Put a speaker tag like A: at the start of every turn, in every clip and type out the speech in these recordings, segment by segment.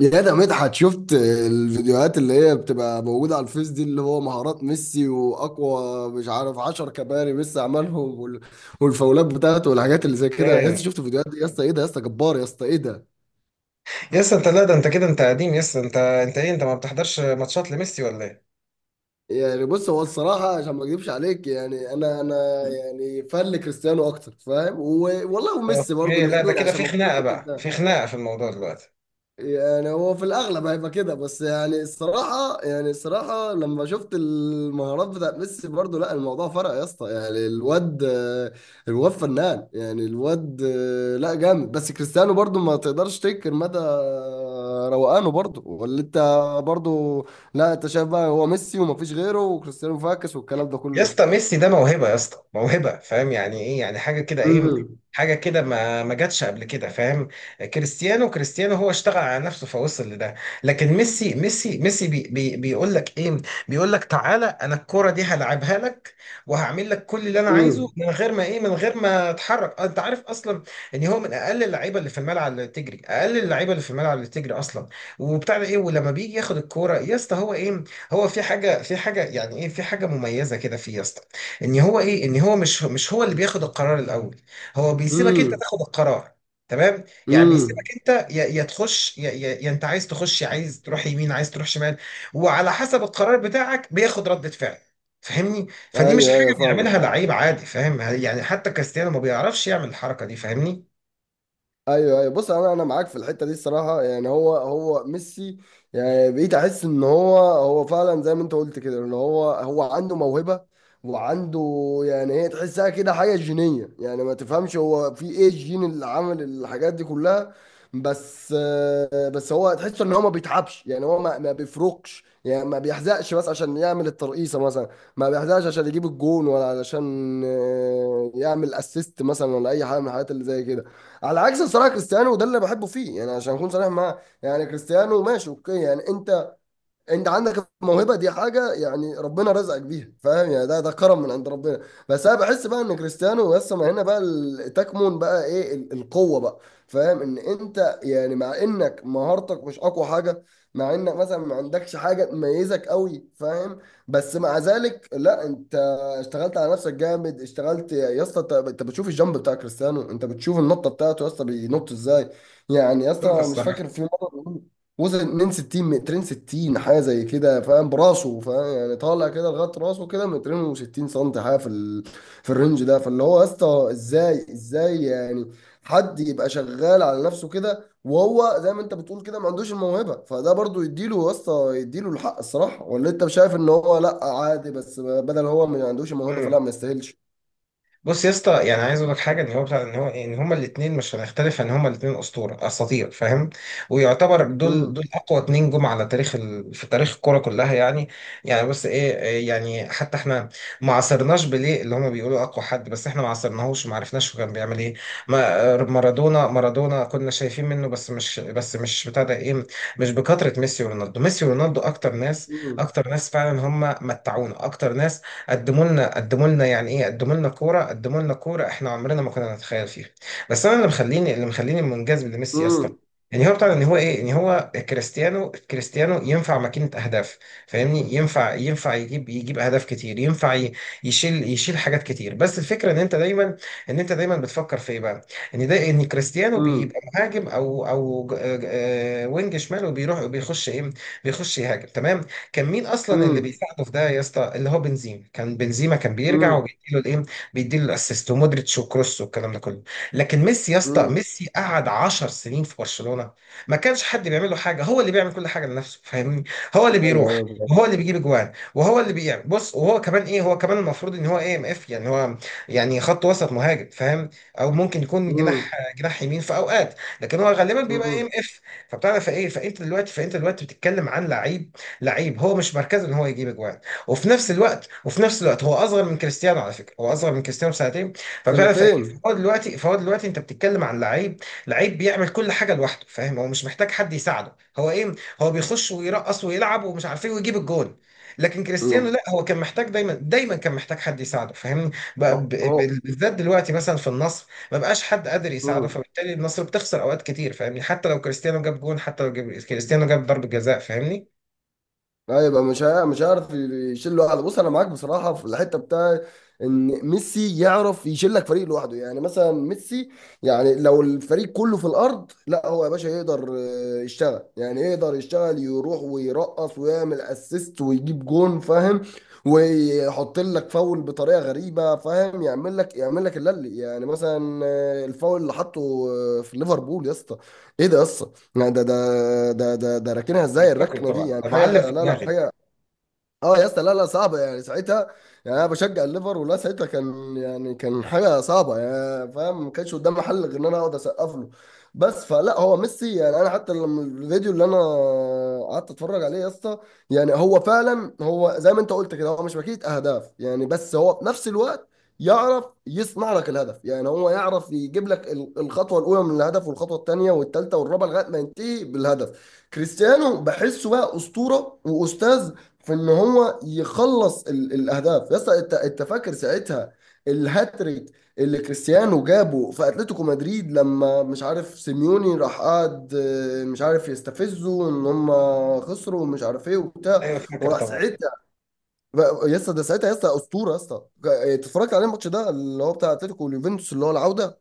A: يا، ده مدحت! شفت الفيديوهات اللي هي بتبقى موجودة على الفيس دي، اللي هو مهارات ميسي وأقوى مش عارف 10 كباري ميسي عملهم والفاولات بتاعته والحاجات اللي زي كده. يا اسطى
B: ايه
A: شفت الفيديوهات دي؟ يا اسطى إيه ده! يا اسطى جبار! يا اسطى إيه ده!
B: يس انت لا ده انت كده انت قديم يس انت انت ايه انت ما بتحضرش ماتشات لميسي ولا ايه؟
A: يعني بص، هو الصراحة عشان ما أكذبش عليك، يعني أنا يعني فان لكريستيانو أكتر، فاهم؟ والله، وميسي برضو
B: اوكي لا ده
A: الاتنين،
B: كده
A: عشان
B: في
A: ما
B: خناقه
A: أكونش
B: بقى في
A: كده.
B: خناقه في الموضوع دلوقتي.
A: يعني هو في الاغلب هيبقى كده، بس يعني الصراحه لما شفت المهارات بتاعت ميسي برضو، لا الموضوع فرق يا اسطى، يعني الواد فنان. يعني الواد، لا، جامد. بس كريستيانو برضو ما تقدرش تنكر مدى روقانه، برضو. ولا انت؟ برضو. لا انت شايف بقى هو ميسي وما فيش غيره، وكريستيانو فاكس والكلام ده
B: يا
A: كله.
B: اسطى ميسي ده موهبه يا اسطى موهبه فاهم يعني ايه يعني حاجه كده ايه
A: امم.
B: حاجه كده ما جاتش قبل كده فاهم. كريستيانو هو اشتغل على نفسه فوصل لده. لكن ميسي بي بي بيقول لك ايه بيقول لك تعالى انا الكره دي هلعبها لك وهعمل لك كل اللي انا عايزه
A: امم.
B: من غير ما ايه من غير ما اتحرك انت عارف اصلا ان هو من اقل اللعيبه اللي في الملعب اللي تجري اقل اللعيبه اللي في الملعب اللي تجري اصلا وبتاع ده ايه. ولما بيجي ياخد الكوره يا اسطى هو ايه هو في حاجة يعني ايه في حاجة مميزة كده فيه يا اسطى ان هو ايه ان هو مش هو اللي بياخد القرار الاول هو بيسيبك انت
A: امم.
B: تاخد القرار. تمام. يعني
A: امم.
B: بيسيبك انت يا تخش يا انت عايز تخش عايز تروح يمين عايز تروح شمال وعلى حسب القرار بتاعك بياخد ردة فعل فاهمني. فدي مش
A: ايوه، ايوه،
B: حاجة
A: فاهم.
B: بيعملها لعيب عادي فاهم يعني حتى كريستيانو ما بيعرفش يعمل الحركة دي فاهمني.
A: ايوه، ايوه، بص، انا معاك في الحته دي الصراحه. يعني هو هو ميسي، يعني بقيت احس ان هو هو فعلا زي ما انت قلت كده، ان هو هو عنده موهبه وعنده، يعني هي تحسها كده حاجه جينيه، يعني ما تفهمش هو في ايه الجين اللي عمل الحاجات دي كلها. بس بس هو تحس ان هو ما بيتعبش، يعني هو ما, ما بيفرقش، يعني ما بيحزقش بس عشان يعمل الترقيصه مثلا، ما بيحزقش عشان يجيب الجون، ولا علشان يعمل اسيست مثلا، ولا اي حاجه من الحاجات اللي زي كده. على عكس الصراحه كريستيانو، وده اللي بحبه فيه، يعني عشان اكون صريح معاه. يعني كريستيانو ماشي، اوكي، يعني انت عندك الموهبه دي، حاجه يعني ربنا رزقك بيها، فاهم؟ يعني ده كرم من عند ربنا. بس انا بحس بقى ان كريستيانو، بس ما هنا بقى تكمن بقى ايه القوه بقى، فاهم؟ ان انت يعني مع انك مهارتك مش اقوى حاجه، مع انك مثلا ما عندكش حاجه تميزك قوي، فاهم؟ بس مع ذلك، لا، انت اشتغلت على نفسك جامد. اشتغلت يا اسطى. انت بتشوف الجامب بتاع كريستيانو، انت بتشوف النطه بتاعته، يا اسطى بينط ازاي؟ يعني يا
B: دول في
A: اسطى مش
B: الصراحة.
A: فاكر في مره وزن 2 60، مترين 60 حاجه زي كده، فاهم؟ براسه، فاهم؟ يعني طالع كده لغايه راسه كده، مترين و60 سم، حاجه في في الرينج ده. فاللي هو يا اسطى ازاي يعني حد يبقى شغال على نفسه كده، وهو زي ما انت بتقول كده ما عندوش الموهبه؟ فده برضو يديله يا اسطى، يديله الحق الصراحه. ولا انت شايف ان هو لا عادي؟ بس بدل هو ما عندوش الموهبه، فلا ما يستاهلش.
B: بص يا اسطى يعني عايز اقول لك حاجه ان هو بتاع ان هو ان هما الاثنين مش هنختلف ان هما الاثنين اسطوره اساطير فاهم ويعتبر دول
A: امم.
B: دول اقوى اتنين جم على تاريخ في تاريخ الكوره كلها يعني. يعني بس ايه إيه يعني حتى احنا ما عاصرناش بيليه اللي هما بيقولوا اقوى حد بس احنا ما عاصرناهوش ما عرفناش هو كان بيعمل ايه. ما مارادونا كنا شايفين منه بس مش بتاع ده ايه مش بكثره ميسي ورونالدو. ميسي ورونالدو اكتر ناس
A: امم.
B: فعلا هما متعونا اكتر ناس قدموا لنا يعني ايه قدموا لنا كوره احنا عمرنا ما كنا نتخيل فيها. بس انا اللي مخليني منجذب لميسي يا اسطى
A: امم.
B: يعني هو بتاع ان هو ايه ان هو كريستيانو ينفع ماكينه اهداف فاهمني. ينفع يجيب اهداف كتير يشيل حاجات كتير. بس الفكره ان انت دايما بتفكر في ايه بقى ان ده ان كريستيانو بيبقى مهاجم وينج شمال وبيروح وبيخش ايه بيخش يهاجم. تمام. كان مين اصلا اللي
A: امم.
B: بيساعده في ده يا اسطى اللي هو بنزيما. كان بيرجع
A: امم.
B: وبيديله الايه بيديله الاسيست ومودريتش وكروس والكلام ده كله. لكن ميسي يا اسطى
A: امم.
B: ميسي قعد 10 سنين في برشلونة ما كانش حد بيعمل له حاجه هو اللي بيعمل كل حاجه لنفسه فاهمني. هو اللي بيروح
A: ايوه،
B: وهو اللي بيجيب اجوان وهو اللي بيعمل بص وهو كمان ايه هو كمان المفروض ان هو اي ام اف يعني هو يعني خط وسط مهاجم فاهم او ممكن يكون جناح
A: ايوه.
B: جناح يمين في اوقات لكن هو غالبا بيبقى اي
A: امم.
B: ام اف. فبتعرف ايه فانت دلوقتي بتتكلم عن لعيب لعيب هو مش مركزه ان هو يجيب اجوان. وفي نفس الوقت هو اصغر من كريستيانو على فكره هو اصغر من كريستيانو بسنتين فبتعرف ايه.
A: سنتين.
B: فهو دلوقتي انت بتتكلم عن لعيب لعيب بيعمل كل حاجه لوحده فاهم. هو مش محتاج حد يساعده هو ايه هو بيخش ويرقص ويلعب ومش عارف ايه ويجيب الجون. لكن كريستيانو
A: مم.
B: لا هو كان محتاج دايما كان محتاج حد يساعده فاهمني. بقى
A: اه، اه.
B: بالذات دلوقتي مثلا في النصر ما بقاش حد قادر يساعده
A: مم.
B: فبالتالي النصر بتخسر اوقات كتير فاهمني حتى لو كريستيانو جاب جون حتى لو جاب كريستيانو جاب ضربة جزاء فاهمني.
A: لا يبقى مش مش هيعرف يشيل لوحده. بص انا معاك بصراحه في الحته بتاع ان ميسي يعرف يشيل لك فريق لوحده. يعني مثلا ميسي، يعني لو الفريق كله في الارض، لا هو يا باشا يقدر يشتغل، يعني يقدر يشتغل، يروح ويرقص ويعمل اسيست ويجيب جون، فاهم؟ ويحط لك فاول بطريقه غريبه، فاهم؟ يعمل لك اللي يعني مثلا الفاول اللي حطه في ليفربول يا اسطى، ايه ده يا اسطى! لا ده راكنها
B: أنا
A: ازاي
B: فاكره
A: الركنه دي؟
B: طبعا
A: يعني
B: ده معلم
A: حاجه،
B: في
A: لا لا،
B: دماغي.
A: حاجه. اه يا اسطى، لا لا، صعبه يعني ساعتها. يعني انا بشجع الليفر، ولا ساعتها كان يعني كان حاجه صعبه، يعني فاهم ما كانش قدامي حل غير ان انا اقعد اسقف له بس. فلا هو ميسي، يعني انا حتى لما الفيديو اللي انا قعدت اتفرج عليه يا اسطى، يعني هو فعلا، هو زي ما انت قلت كده، هو مش ماكينه اهداف يعني، بس هو في نفس الوقت يعرف يصنع لك الهدف. يعني هو يعرف يجيب لك الخطوه الاولى من الهدف، والخطوه الثانيه والثالثه والرابعه لغايه ما ينتهي بالهدف. كريستيانو بحسه بقى اسطوره واستاذ في ان هو يخلص الاهداف يا اسطى. انت فاكر ساعتها الهاتريك اللي كريستيانو جابه في اتلتيكو مدريد، لما مش عارف سيميوني راح قعد مش عارف يستفزه، ان هم خسروا ومش عارف ايه وبتاع،
B: ايوه فاكر
A: وراح
B: طبعا.
A: ساعتها يا اسطى ده ساعتها، يا اسطى اسطوره يا اسطى. اتفرجت عليه الماتش ده اللي هو بتاع اتلتيكو واليوفنتوس اللي هو العوده.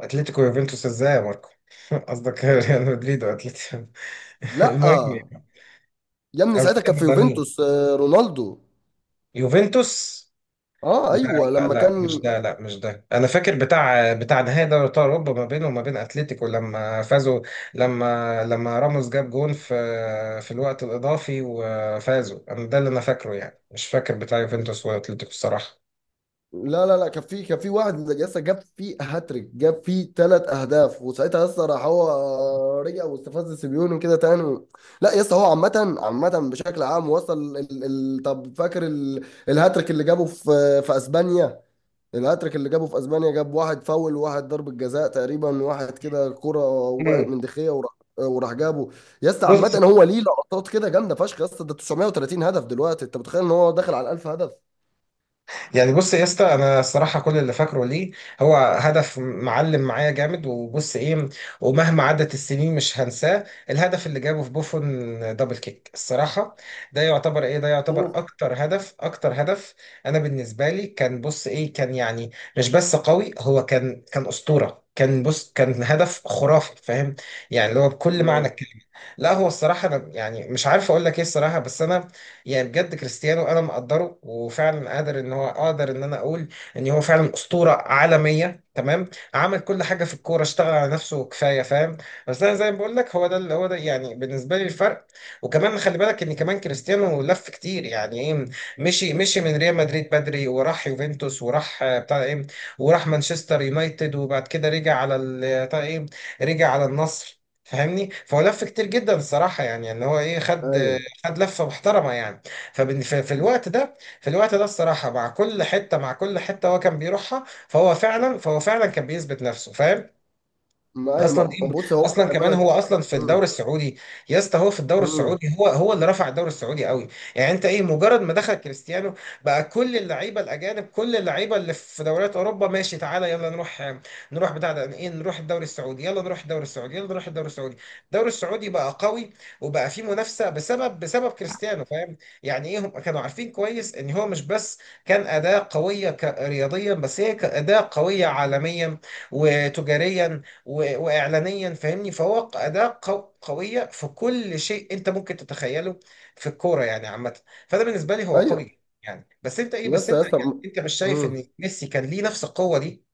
B: اتلتيكو يوفنتوس ازاي يا ماركو قصدك ريال مدريد واتلتيكو
A: لا
B: المهم يعني،
A: يا ابني،
B: انا
A: ساعتها كان
B: بتكلم
A: في
B: ده مين
A: يوفنتوس رونالدو.
B: يوفنتوس.
A: اه،
B: لا
A: ايوه،
B: لا
A: لما
B: لا مش
A: كان،
B: ده انا فاكر بتاع نهائي دوري ابطال اوروبا ما بينه وما بين اتلتيكو لما فازوا لما راموس جاب جون في الوقت الاضافي وفازوا انا ده اللي انا فاكره يعني مش فاكر بتاع يوفنتوس واتلتيكو الصراحه.
A: لا لا لا، كان في واحد لسه جاب فيه هاتريك، جاب فيه ثلاث اهداف، وساعتها لسه راح هو، رجع واستفز سيميوني كده تاني. لا لسه هو عامة بشكل عام، وصل طب فاكر الهاتريك اللي جابه في اسبانيا. الهاتريك اللي جابه في اسبانيا، جاب واحد فاول، وواحد ضربة جزاء تقريبا، واحد كده كرة وقعت
B: مم.
A: من دخية، وراح جابه. يا اسطى عامة
B: بص
A: هو ليه لقطات كده جامدة فشخ يا اسطى، ده 930 هدف دلوقتي، انت متخيل ان هو داخل على 1000 هدف؟
B: يعني بص يا اسطى انا الصراحه كل اللي فاكره ليه هو هدف معلم معايا جامد وبص ايه ومهما عدت السنين مش هنساه الهدف اللي جابه في بوفون دبل كيك الصراحه. ده يعتبر ايه ده
A: اوه.
B: يعتبر اكتر هدف انا بالنسبه لي كان بص ايه كان يعني مش بس قوي هو كان اسطوره كان بص كان هدف خرافي فاهم يعني اللي هو بكل معنى
A: لا.
B: الكلمه. لا هو الصراحه انا يعني مش عارف اقول لك ايه الصراحه بس انا يعني بجد كريستيانو انا مقدره وفعلا قادر ان هو اقدر ان انا اقول ان هو فعلا اسطوره عالميه. تمام. عمل كل حاجه في الكوره اشتغل على نفسه كفايه فاهم. بس انا زي ما بقول لك هو ده اللي هو ده يعني بالنسبه لي الفرق. وكمان خلي بالك ان كمان كريستيانو لف كتير يعني ايه مشي من ريال مدريد بدري وراح يوفنتوس وراح بتاع ايه وراح مانشستر يونايتد وبعد كده رجع على بتاع ايه رجع على النصر فاهمني. فهو لف كتير جدا الصراحه يعني ان هو ايه خد
A: ايوه.
B: لفه محترمه يعني. ففي الوقت ده الصراحه مع كل حته هو كان بيروحها فهو فعلا كان بيثبت نفسه فاهم.
A: ما ايوه.
B: اصلا دي
A: بص هو،
B: اصلا
A: خلي
B: كمان هو
A: بالك.
B: اصلا في
A: مم.
B: الدوري السعودي يا اسطى هو في الدوري
A: مم.
B: السعودي هو اللي رفع الدوري السعودي قوي. يعني انت ايه مجرد ما دخل كريستيانو بقى كل اللعيبه الاجانب كل اللعيبه اللي في دوريات اوروبا ماشي تعالى يلا نروح بتاع ده ايه نروح الدوري السعودي يلا نروح الدوري السعودي يلا نروح الدوري السعودي. الدوري السعودي بقى قوي وبقى فيه منافسه بسبب كريستيانو فاهم. يعني ايه هم كانوا عارفين كويس ان هو مش بس كان اداه قويه رياضيا بس هي كاداه قويه عالميا وتجاريا واعلانيا فاهمني. فهو اداه قويه في كل شيء انت ممكن تتخيله في الكوره يعني عامه. فده بالنسبه لي هو
A: ايوه
B: قوي يعني بس انت ايه
A: يا
B: بس
A: اسطى، يا
B: انت
A: اسطى.
B: يعني
A: مم.
B: انت مش شايف ان
A: مم.
B: ميسي كان ليه نفس القوه دي؟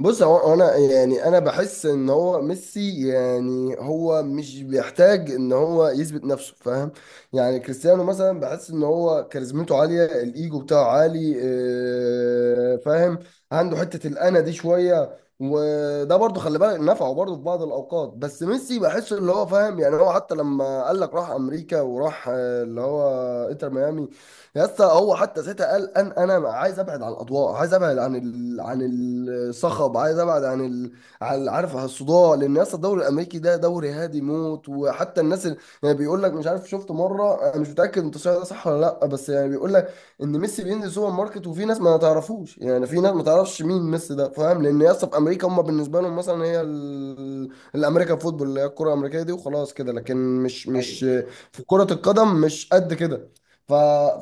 A: بص، هو انا يعني انا بحس ان هو ميسي يعني هو مش بيحتاج ان هو يثبت نفسه، فاهم؟ يعني كريستيانو مثلا بحس ان هو كاريزمته عاليه، الايجو بتاعه عالي، فاهم؟ عنده حته الانا دي شويه، وده برضه خلي بالك نفعه برضه في بعض الاوقات. بس ميسي بحس اللي هو فاهم، يعني هو حتى لما قال لك راح امريكا، وراح اللي هو انتر ميامي. يا اسطى هو حتى ساعتها قال ان انا عايز ابعد عن الاضواء، عايز ابعد عن الصخب، عايز ابعد عن عارف، عن الصداع. لان يا اسطى الدوري الامريكي ده دوري هادي موت. وحتى الناس اللي يعني بيقول لك مش عارف، شفت مره، انا مش متاكد انت ده صح ولا لا، بس يعني بيقول لك ان ميسي بينزل سوبر ماركت وفي ناس ما تعرفوش، يعني في ناس ما تعرفش مين ميسي ده، فاهم؟ لان يا اسطى في امريكا هم بالنسبه لهم مثلا هي الامريكان فوتبول اللي هي الكره الامريكيه دي، وخلاص كده. لكن مش
B: ايوه
A: في كره القدم مش قد كده. ف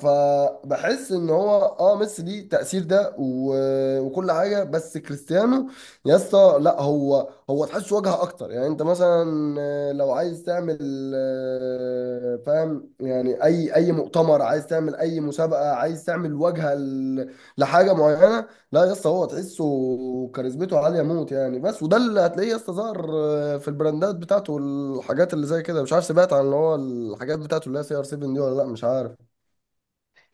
A: فبحس ان هو، اه، ميسي ليه تأثير ده وكل حاجه. بس كريستيانو يا اسطى، لا، هو تحس واجهه اكتر. يعني انت مثلا لو عايز تعمل فاهم يعني اي مؤتمر، عايز تعمل اي مسابقه، عايز تعمل واجهه لحاجه معينه. لا يا اسطى هو تحسه كاريزمته عاليه موت يعني. بس وده اللي هتلاقيه يا اسطى، ظهر في البراندات بتاعته والحاجات اللي زي كده. مش عارف سمعت عن اللي هو الحاجات بتاعته اللي هي CR7 دي ولا لا؟ مش عارف.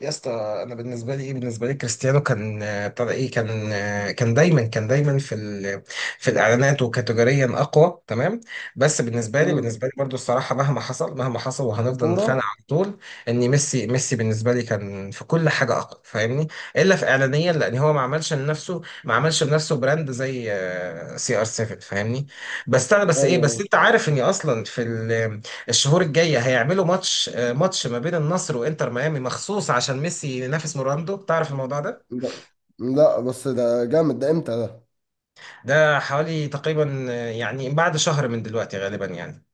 B: يا اسطى. انا بالنسبه لي ايه بالنسبه لي كريستيانو كان بتاع ده ايه كان كان دايما في في الاعلانات وكاتيجوريا اقوى. تمام. بس بالنسبه لي
A: امم.
B: برضو الصراحه مهما حصل وهنفضل نتخانق
A: كورة.
B: على طول ان ميسي بالنسبه لي كان في كل حاجه اقوى فاهمني الا في اعلانيا لان هو ما عملش لنفسه براند زي سي ار CR7 فاهمني. بس انا بس ايه
A: ايوه،
B: بس
A: ايوه.
B: انت عارف اني اصلا في الشهور الجايه هيعملوا ماتش ما بين النصر وانتر ميامي مخصوص عشان ميسي ينافس رونالدو تعرف الموضوع ده.
A: لا لا، بس ده جامد، ده امتى ده؟
B: ده حوالي تقريبا يعني بعد شهر من دلوقتي غالبا يعني.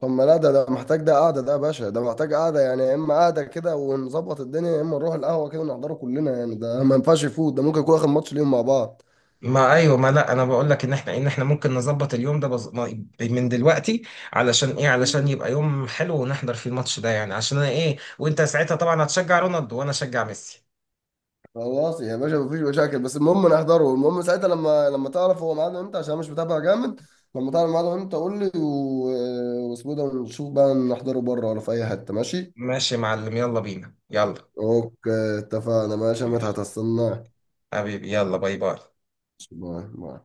A: طب ما لا، ده محتاج، ده قعدة. ده يا باشا ده محتاج قعدة يعني، يا اما قعدة كده ونظبط الدنيا، يا اما نروح القهوة كده نحضره كلنا. يعني ده ما ينفعش يفوت، ده ممكن يكون اخر ماتش ليهم مع بعض.
B: ما ايوه ما لا انا بقول لك ان احنا ممكن نظبط اليوم ده بز... ما- من دلوقتي علشان ايه علشان
A: مم.
B: يبقى يوم حلو ونحضر فيه الماتش ده يعني عشان انا ايه وانت ساعتها طبعا هتشجع رونالدو وانا اشجع ميسي.
A: خلاص يا باشا، مفيش مشاكل، بس المهم نحضره. المهم ساعتها لما تعرف هو ميعاده امتى، عشان أنا مش متابع جامد. لما تعرف ميعاده امتى قول لي، واسمه ده، ونشوف بقى نحضره بره ولا في اي حتة. ماشي
B: ماشي يا معلم يلا بينا يلا.
A: اوكي، اتفقنا، ماشي يا مدحت، هستناك.
B: حبيبي يلا. باي باي.
A: باي باي.